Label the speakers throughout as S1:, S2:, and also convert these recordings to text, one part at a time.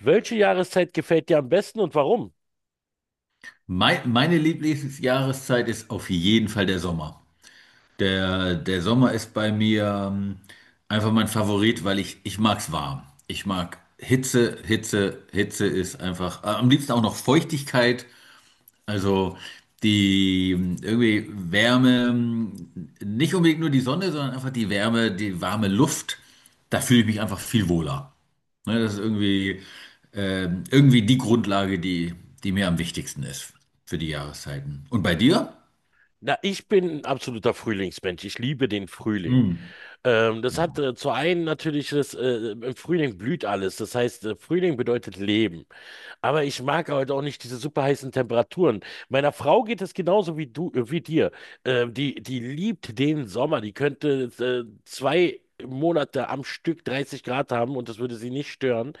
S1: Welche Jahreszeit gefällt dir am besten und warum?
S2: Meine Lieblingsjahreszeit ist auf jeden Fall der Sommer. Der Sommer ist bei mir einfach mein Favorit, weil ich mag's warm. Ich mag Hitze, Hitze, Hitze ist einfach, am liebsten auch noch Feuchtigkeit. Also die irgendwie Wärme, nicht unbedingt nur die Sonne, sondern einfach die Wärme, die warme Luft. Da fühle ich mich einfach viel wohler. Ne, das ist irgendwie, irgendwie die Grundlage, die mir am wichtigsten ist für die Jahreszeiten. Und bei dir?
S1: Na, ich bin ein absoluter Frühlingsmensch. Ich liebe den Frühling.
S2: Hm.
S1: Das hat zu einem natürlich, im Frühling blüht alles. Das heißt, Frühling bedeutet Leben. Aber ich mag heute auch nicht diese super heißen Temperaturen. Meiner Frau geht es genauso wie dir. Die liebt den Sommer. Die könnte 2 Monate am Stück 30 Grad haben und das würde sie nicht stören.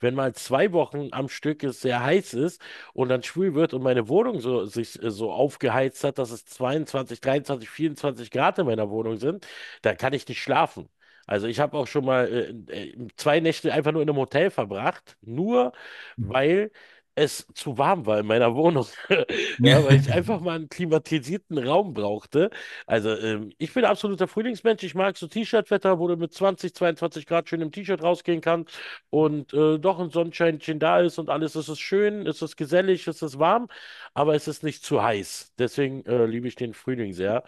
S1: Wenn mal 2 Wochen am Stück es sehr heiß ist und dann schwül wird und meine Wohnung so, sich so aufgeheizt hat, dass es 22, 23, 24 Grad in meiner Wohnung sind, da kann ich nicht schlafen. Also ich habe auch schon mal 2 Nächte einfach nur in einem Hotel verbracht, nur weil es zu warm war in meiner Wohnung. Ja, weil ich einfach mal einen klimatisierten Raum brauchte. Also ich bin absoluter Frühlingsmensch. Ich mag so T-Shirt-Wetter, wo du mit 20, 22 Grad schön im T-Shirt rausgehen kannst und doch ein Sonnenscheinchen da ist und alles. Es ist schön, es ist gesellig, es ist warm, aber es ist nicht zu heiß. Deswegen liebe ich den Frühling sehr.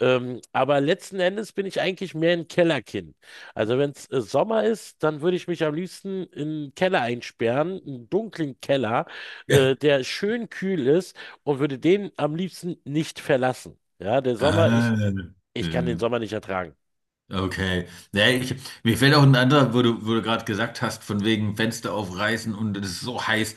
S1: Aber letzten Endes bin ich eigentlich mehr ein Kellerkind. Also wenn es Sommer ist, dann würde ich mich am liebsten in einen Keller einsperren, einen dunklen Keller,
S2: Ja.
S1: der schön kühl ist und würde den am liebsten nicht verlassen. Ja, der Sommer, ich,
S2: Ah,
S1: ich kann den
S2: äh,
S1: Sommer nicht ertragen.
S2: okay. Ja, ich, mir fällt auch ein anderer, wo du gerade gesagt hast, von wegen Fenster aufreißen und es ist so heiß.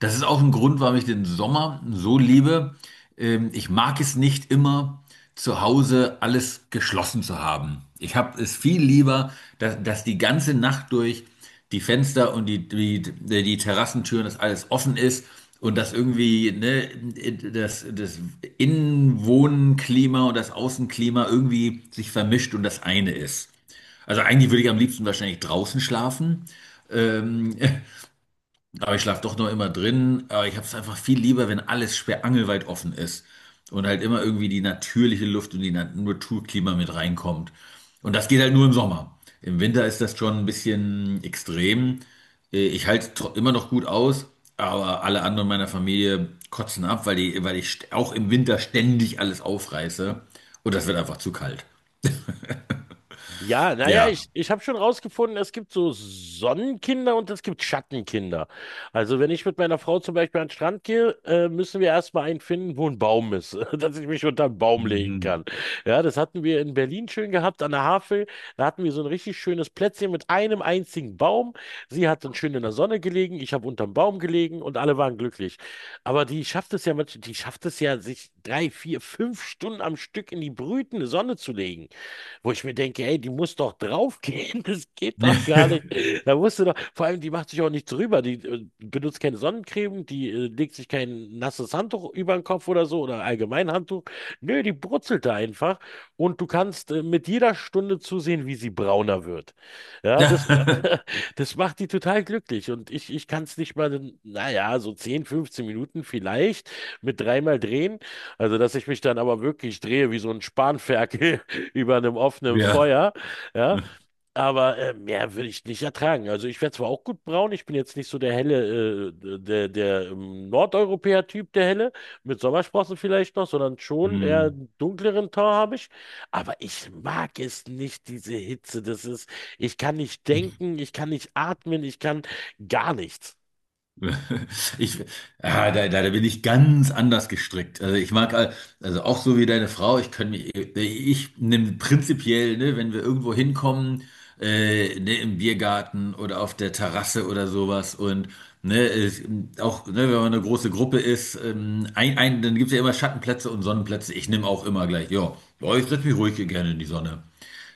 S2: Das ist auch ein Grund, warum ich den Sommer so liebe. Ich mag es nicht immer, zu Hause alles geschlossen zu haben. Ich habe es viel lieber, dass die ganze Nacht durch. Die Fenster und die Terrassentüren, dass alles offen ist und dass irgendwie ne, das Innenwohnklima und das Außenklima irgendwie sich vermischt und das eine ist. Also eigentlich würde ich am liebsten wahrscheinlich draußen schlafen. Ähm, Aber ich schlafe doch noch immer drin. Aber ich habe es einfach viel lieber, wenn alles sperrangelweit offen ist. Und halt immer irgendwie die natürliche Luft und die Naturklima mit reinkommt. Und das geht halt nur im Sommer. Im Winter ist das schon ein bisschen extrem. Ich halte immer noch gut aus, aber alle anderen meiner Familie kotzen ab, weil ich auch im Winter ständig alles aufreiße. Und das wird einfach zu kalt.
S1: Ja, naja,
S2: Ja.
S1: ich habe schon rausgefunden, es gibt so Sonnenkinder und es gibt Schattenkinder. Also wenn ich mit meiner Frau zum Beispiel an den Strand gehe, müssen wir erstmal einen finden, wo ein Baum ist, dass ich mich unter einen Baum legen kann.
S2: Mhm.
S1: Ja, das hatten wir in Berlin schön gehabt, an der Havel. Da hatten wir so ein richtig schönes Plätzchen mit einem einzigen Baum. Sie hat dann schön in der Sonne gelegen, ich habe unterm Baum gelegen und alle waren glücklich. Aber die schafft es ja, sich 3, 4, 5 Stunden am Stück in die brütende Sonne zu legen, wo ich mir denke, ey, die muss doch draufgehen, das geht doch gar nicht. Da musst du doch, vor allem, die macht sich auch nichts drüber, die benutzt keine Sonnencreme, die legt sich kein nasses Handtuch über den Kopf oder so oder allgemein Handtuch. Nö, die brutzelt da einfach und du kannst mit jeder Stunde zusehen, wie sie brauner wird. Ja, das, das macht die total glücklich und ich kann es nicht mal, naja, so 10, 15 Minuten vielleicht mit dreimal drehen. Also, dass ich mich dann aber wirklich drehe wie so ein Spanferkel über einem offenen
S2: Ja.
S1: Feuer, ja, aber mehr würde ich nicht ertragen. Also ich werde zwar auch gut braun, ich bin jetzt nicht so der helle, der, der Nordeuropäer-Typ, der helle, mit Sommersprossen vielleicht noch, sondern schon eher
S2: Hm.
S1: einen dunkleren Ton habe ich, aber ich mag es nicht, diese Hitze, das ist, ich kann nicht denken, ich kann nicht atmen, ich kann gar nichts.
S2: Ich, ah, da bin ich ganz anders gestrickt. Also ich mag, also auch so wie deine Frau, ich kann mich, ich nehme prinzipiell, ne, wenn wir irgendwo hinkommen, ne, im Biergarten oder auf der Terrasse oder sowas und ne, es, auch, ne, wenn man eine große Gruppe ist, dann gibt es ja immer Schattenplätze und Sonnenplätze. Ich nehme auch immer gleich, ja, ja, ich setze mich ruhig hier gerne in die Sonne.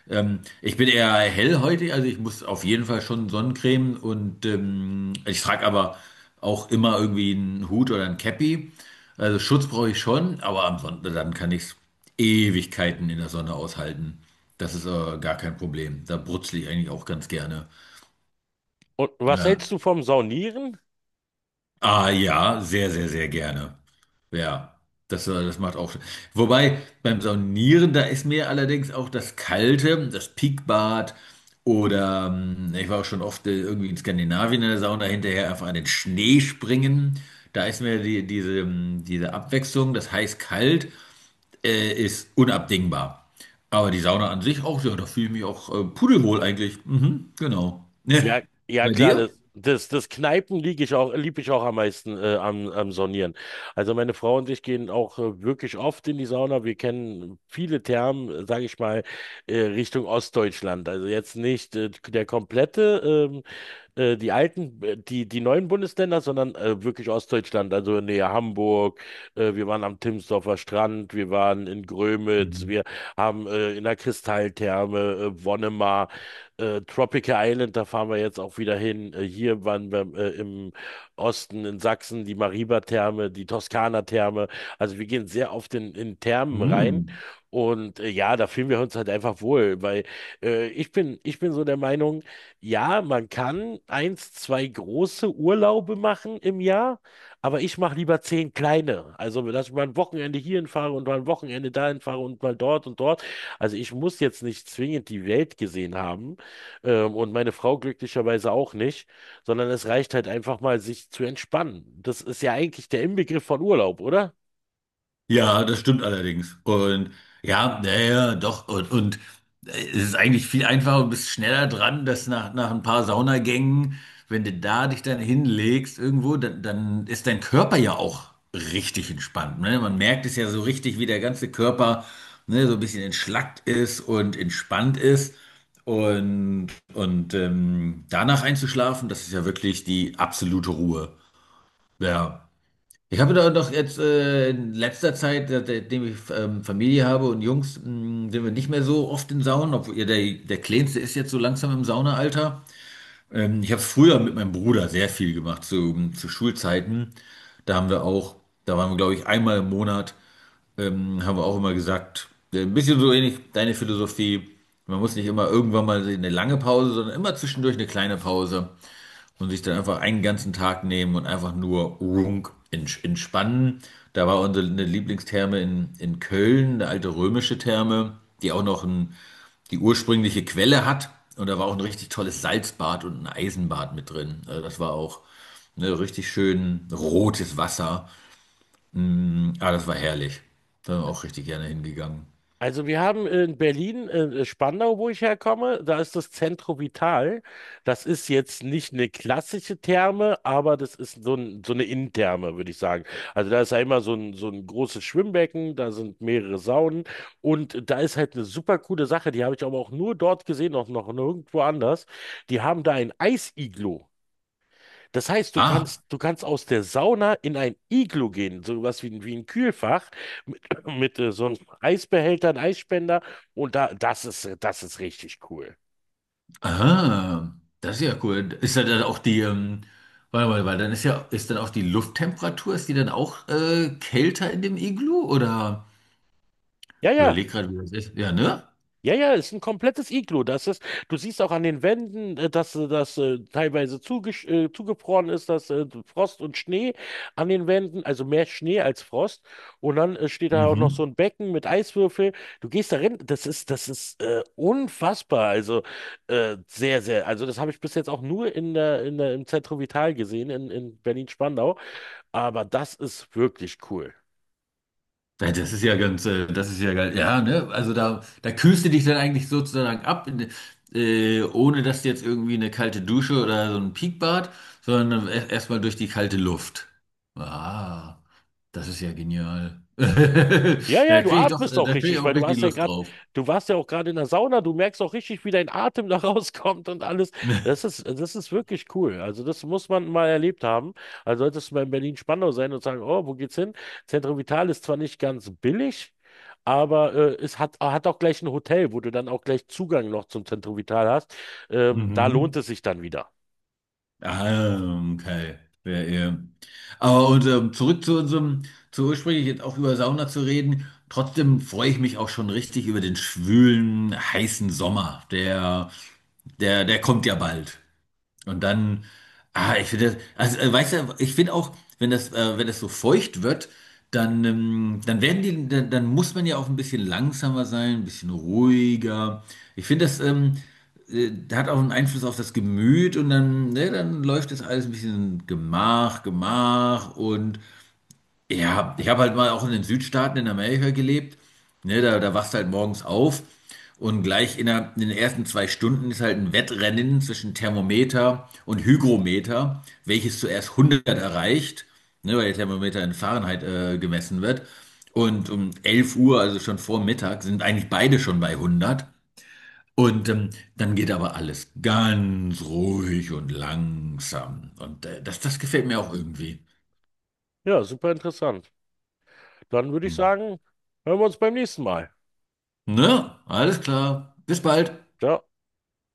S2: Ich bin eher hellhäutig, also ich muss auf jeden Fall schon Sonnencreme und ich trage aber auch immer irgendwie einen Hut oder ein Cappy. Also Schutz brauche ich schon, aber am Sonntag dann kann ich Ewigkeiten in der Sonne aushalten. Das ist gar kein Problem. Da brutzle ich eigentlich auch ganz gerne.
S1: Und was
S2: Ja.
S1: hältst du vom Saunieren?
S2: Ah ja, sehr, sehr, sehr gerne. Ja, das macht auch. Wobei beim Saunieren, da ist mir allerdings auch das Kalte, das Peakbad oder ich war auch schon oft irgendwie in Skandinavien in der Sauna hinterher einfach an den Schnee springen. Da ist mir diese Abwechslung, das heiß-kalt, ist unabdingbar. Aber die Sauna an sich auch, ja, da fühle ich mich auch pudelwohl eigentlich. Mhm, genau.
S1: Ja, ja
S2: Bei
S1: klar,
S2: dir?
S1: das Kneipen lieb ich auch am meisten am Saunieren. Also meine Frau und ich gehen auch wirklich oft in die Sauna. Wir kennen viele Thermen, sage ich mal, Richtung Ostdeutschland. Also jetzt nicht der komplette die alten, die neuen Bundesländer, sondern wirklich Ostdeutschland, also näher Hamburg. Wir waren am Timsdorfer Strand, wir waren in Grömitz,
S2: Mhm.
S1: wir haben in der Kristalltherme, Wonnemar, Tropical Island, da fahren wir jetzt auch wieder hin. Hier waren wir im Osten, in Sachsen, die Mariba-Therme, die Toskana-Therme. Also wir gehen sehr oft in Thermen rein.
S2: Mhm.
S1: Und ja, da fühlen wir uns halt einfach wohl, weil ich bin so der Meinung, ja, man kann eins, zwei große Urlaube machen im Jahr, aber ich mache lieber 10 kleine. Also, dass ich mal ein Wochenende hierhin fahre und mal ein Wochenende dahin fahre und mal dort und dort. Also, ich muss jetzt nicht zwingend die Welt gesehen haben, und meine Frau glücklicherweise auch nicht, sondern es reicht halt einfach mal, sich zu entspannen. Das ist ja eigentlich der Inbegriff von Urlaub, oder?
S2: Ja, das stimmt allerdings. Und ja, naja, doch. Und es ist eigentlich viel einfacher und bist schneller dran, dass nach ein paar Saunagängen, wenn du da dich dann hinlegst irgendwo, dann ist dein Körper ja auch richtig entspannt. Ne? Man merkt es ja so richtig, wie der ganze Körper ne, so ein bisschen entschlackt ist und entspannt ist. Und, und danach einzuschlafen, das ist ja wirklich die absolute Ruhe. Ja. Ich habe da doch jetzt in letzter Zeit, seitdem ich Familie habe und Jungs, sind wir nicht mehr so oft in Saunen, obwohl ihr der Kleinste ist jetzt so langsam im Saunaalter. Ich habe es früher mit meinem Bruder sehr viel gemacht, zu Schulzeiten. Da haben wir auch, da waren wir, glaube ich, einmal im Monat, haben wir auch immer gesagt, ein bisschen so ähnlich deine Philosophie. Man muss nicht immer irgendwann mal eine lange Pause, sondern immer zwischendurch eine kleine Pause und sich dann einfach einen ganzen Tag nehmen und einfach nur runk entspannen. Da war unsere eine Lieblingstherme in Köln, eine alte römische Therme, die auch noch ein, die ursprüngliche Quelle hat. Und da war auch ein richtig tolles Salzbad und ein Eisenbad mit drin. Also das war auch ne, richtig schön rotes Wasser. Mm, ah, das war herrlich. Da bin ich auch richtig gerne hingegangen.
S1: Also wir haben in Berlin, Spandau, wo ich herkomme, da ist das Centro Vital. Das ist jetzt nicht eine klassische Therme, aber das ist so, ein, so eine Innentherme, würde ich sagen. Also da ist ja immer so ein großes Schwimmbecken, da sind mehrere Saunen und da ist halt eine super coole Sache, die habe ich aber auch nur dort gesehen, auch noch nirgendwo anders. Die haben da ein Eisiglo. Das heißt,
S2: Ah,
S1: du kannst aus der Sauna in ein Iglu gehen, sowas wie, wie ein Kühlfach mit, mit so einem Eisbehälter, einem Eisspender und da, das ist richtig cool.
S2: ah, das ist ja cool. Ist da dann auch die, warte mal, weil dann ist ja, ist dann auch die Lufttemperatur, ist die dann auch kälter in dem Iglu? Oder
S1: Ja,
S2: ich
S1: ja.
S2: überleg gerade, wie das ist. Ja, ne?
S1: Ja, ja, ist ein komplettes Iglu. Das ist, du siehst auch an den Wänden, dass das teilweise zugefroren ist, dass Frost und Schnee an den Wänden, also mehr Schnee als Frost. Und dann steht da auch noch
S2: Mhm.
S1: so ein Becken mit Eiswürfel. Du gehst da rein, das ist unfassbar. Also sehr, sehr. Also das habe ich bis jetzt auch nur im Zentrum Vital gesehen, in Berlin-Spandau. Aber das ist wirklich cool.
S2: Ja, das ist ja ganz, das ist ja geil. Ja, ne? Also da kühlst du dich dann eigentlich sozusagen ab, in, ohne dass du jetzt irgendwie eine kalte Dusche oder so ein Peakbad, sondern erstmal durch die kalte Luft. Ah, das ist ja genial.
S1: Ja,
S2: Da
S1: ja, du
S2: kriege ich doch,
S1: atmest
S2: da
S1: auch
S2: kriege ich
S1: richtig,
S2: auch
S1: weil
S2: richtig Lust drauf.
S1: du warst ja auch gerade in der Sauna, du merkst auch richtig, wie dein Atem da rauskommt und alles. Das ist wirklich cool. Also das muss man mal erlebt haben. Also solltest du mal in Berlin-Spandau sein und sagen, oh, wo geht's hin? Centro Vital ist zwar nicht ganz billig, aber es hat auch gleich ein Hotel, wo du dann auch gleich Zugang noch zum Centro Vital hast. Da lohnt
S2: Mhm.
S1: es sich dann wieder.
S2: Ah, okay. Ja, ja. Aber und, zurück zu unserem, zu ursprünglich jetzt auch über Sauna zu reden. Trotzdem freue ich mich auch schon richtig über den schwülen, heißen Sommer. Der kommt ja bald. Und dann, ah, ich finde, also weißt du, ich finde auch, wenn das so feucht wird, dann werden die, dann muss man ja auch ein bisschen langsamer sein, ein bisschen ruhiger. Ich finde, das hat auch einen Einfluss auf das Gemüt und dann, ne, dann läuft das alles ein bisschen Gemach, Gemach und ja, ich habe halt mal auch in den Südstaaten in Amerika gelebt. Ne, da wachst du halt morgens auf und gleich innerhalb in den ersten 2 Stunden ist halt ein Wettrennen zwischen Thermometer und Hygrometer, welches zuerst 100 erreicht, ne, weil der Thermometer in Fahrenheit gemessen wird. Und um 11 Uhr, also schon vor Mittag, sind eigentlich beide schon bei 100. Und dann geht aber alles ganz ruhig und langsam. Und das gefällt mir auch irgendwie.
S1: Ja, super interessant. Dann würde ich
S2: Hm.
S1: sagen, hören wir uns beim nächsten Mal.
S2: Ne? Alles klar. Bis bald.
S1: Ciao.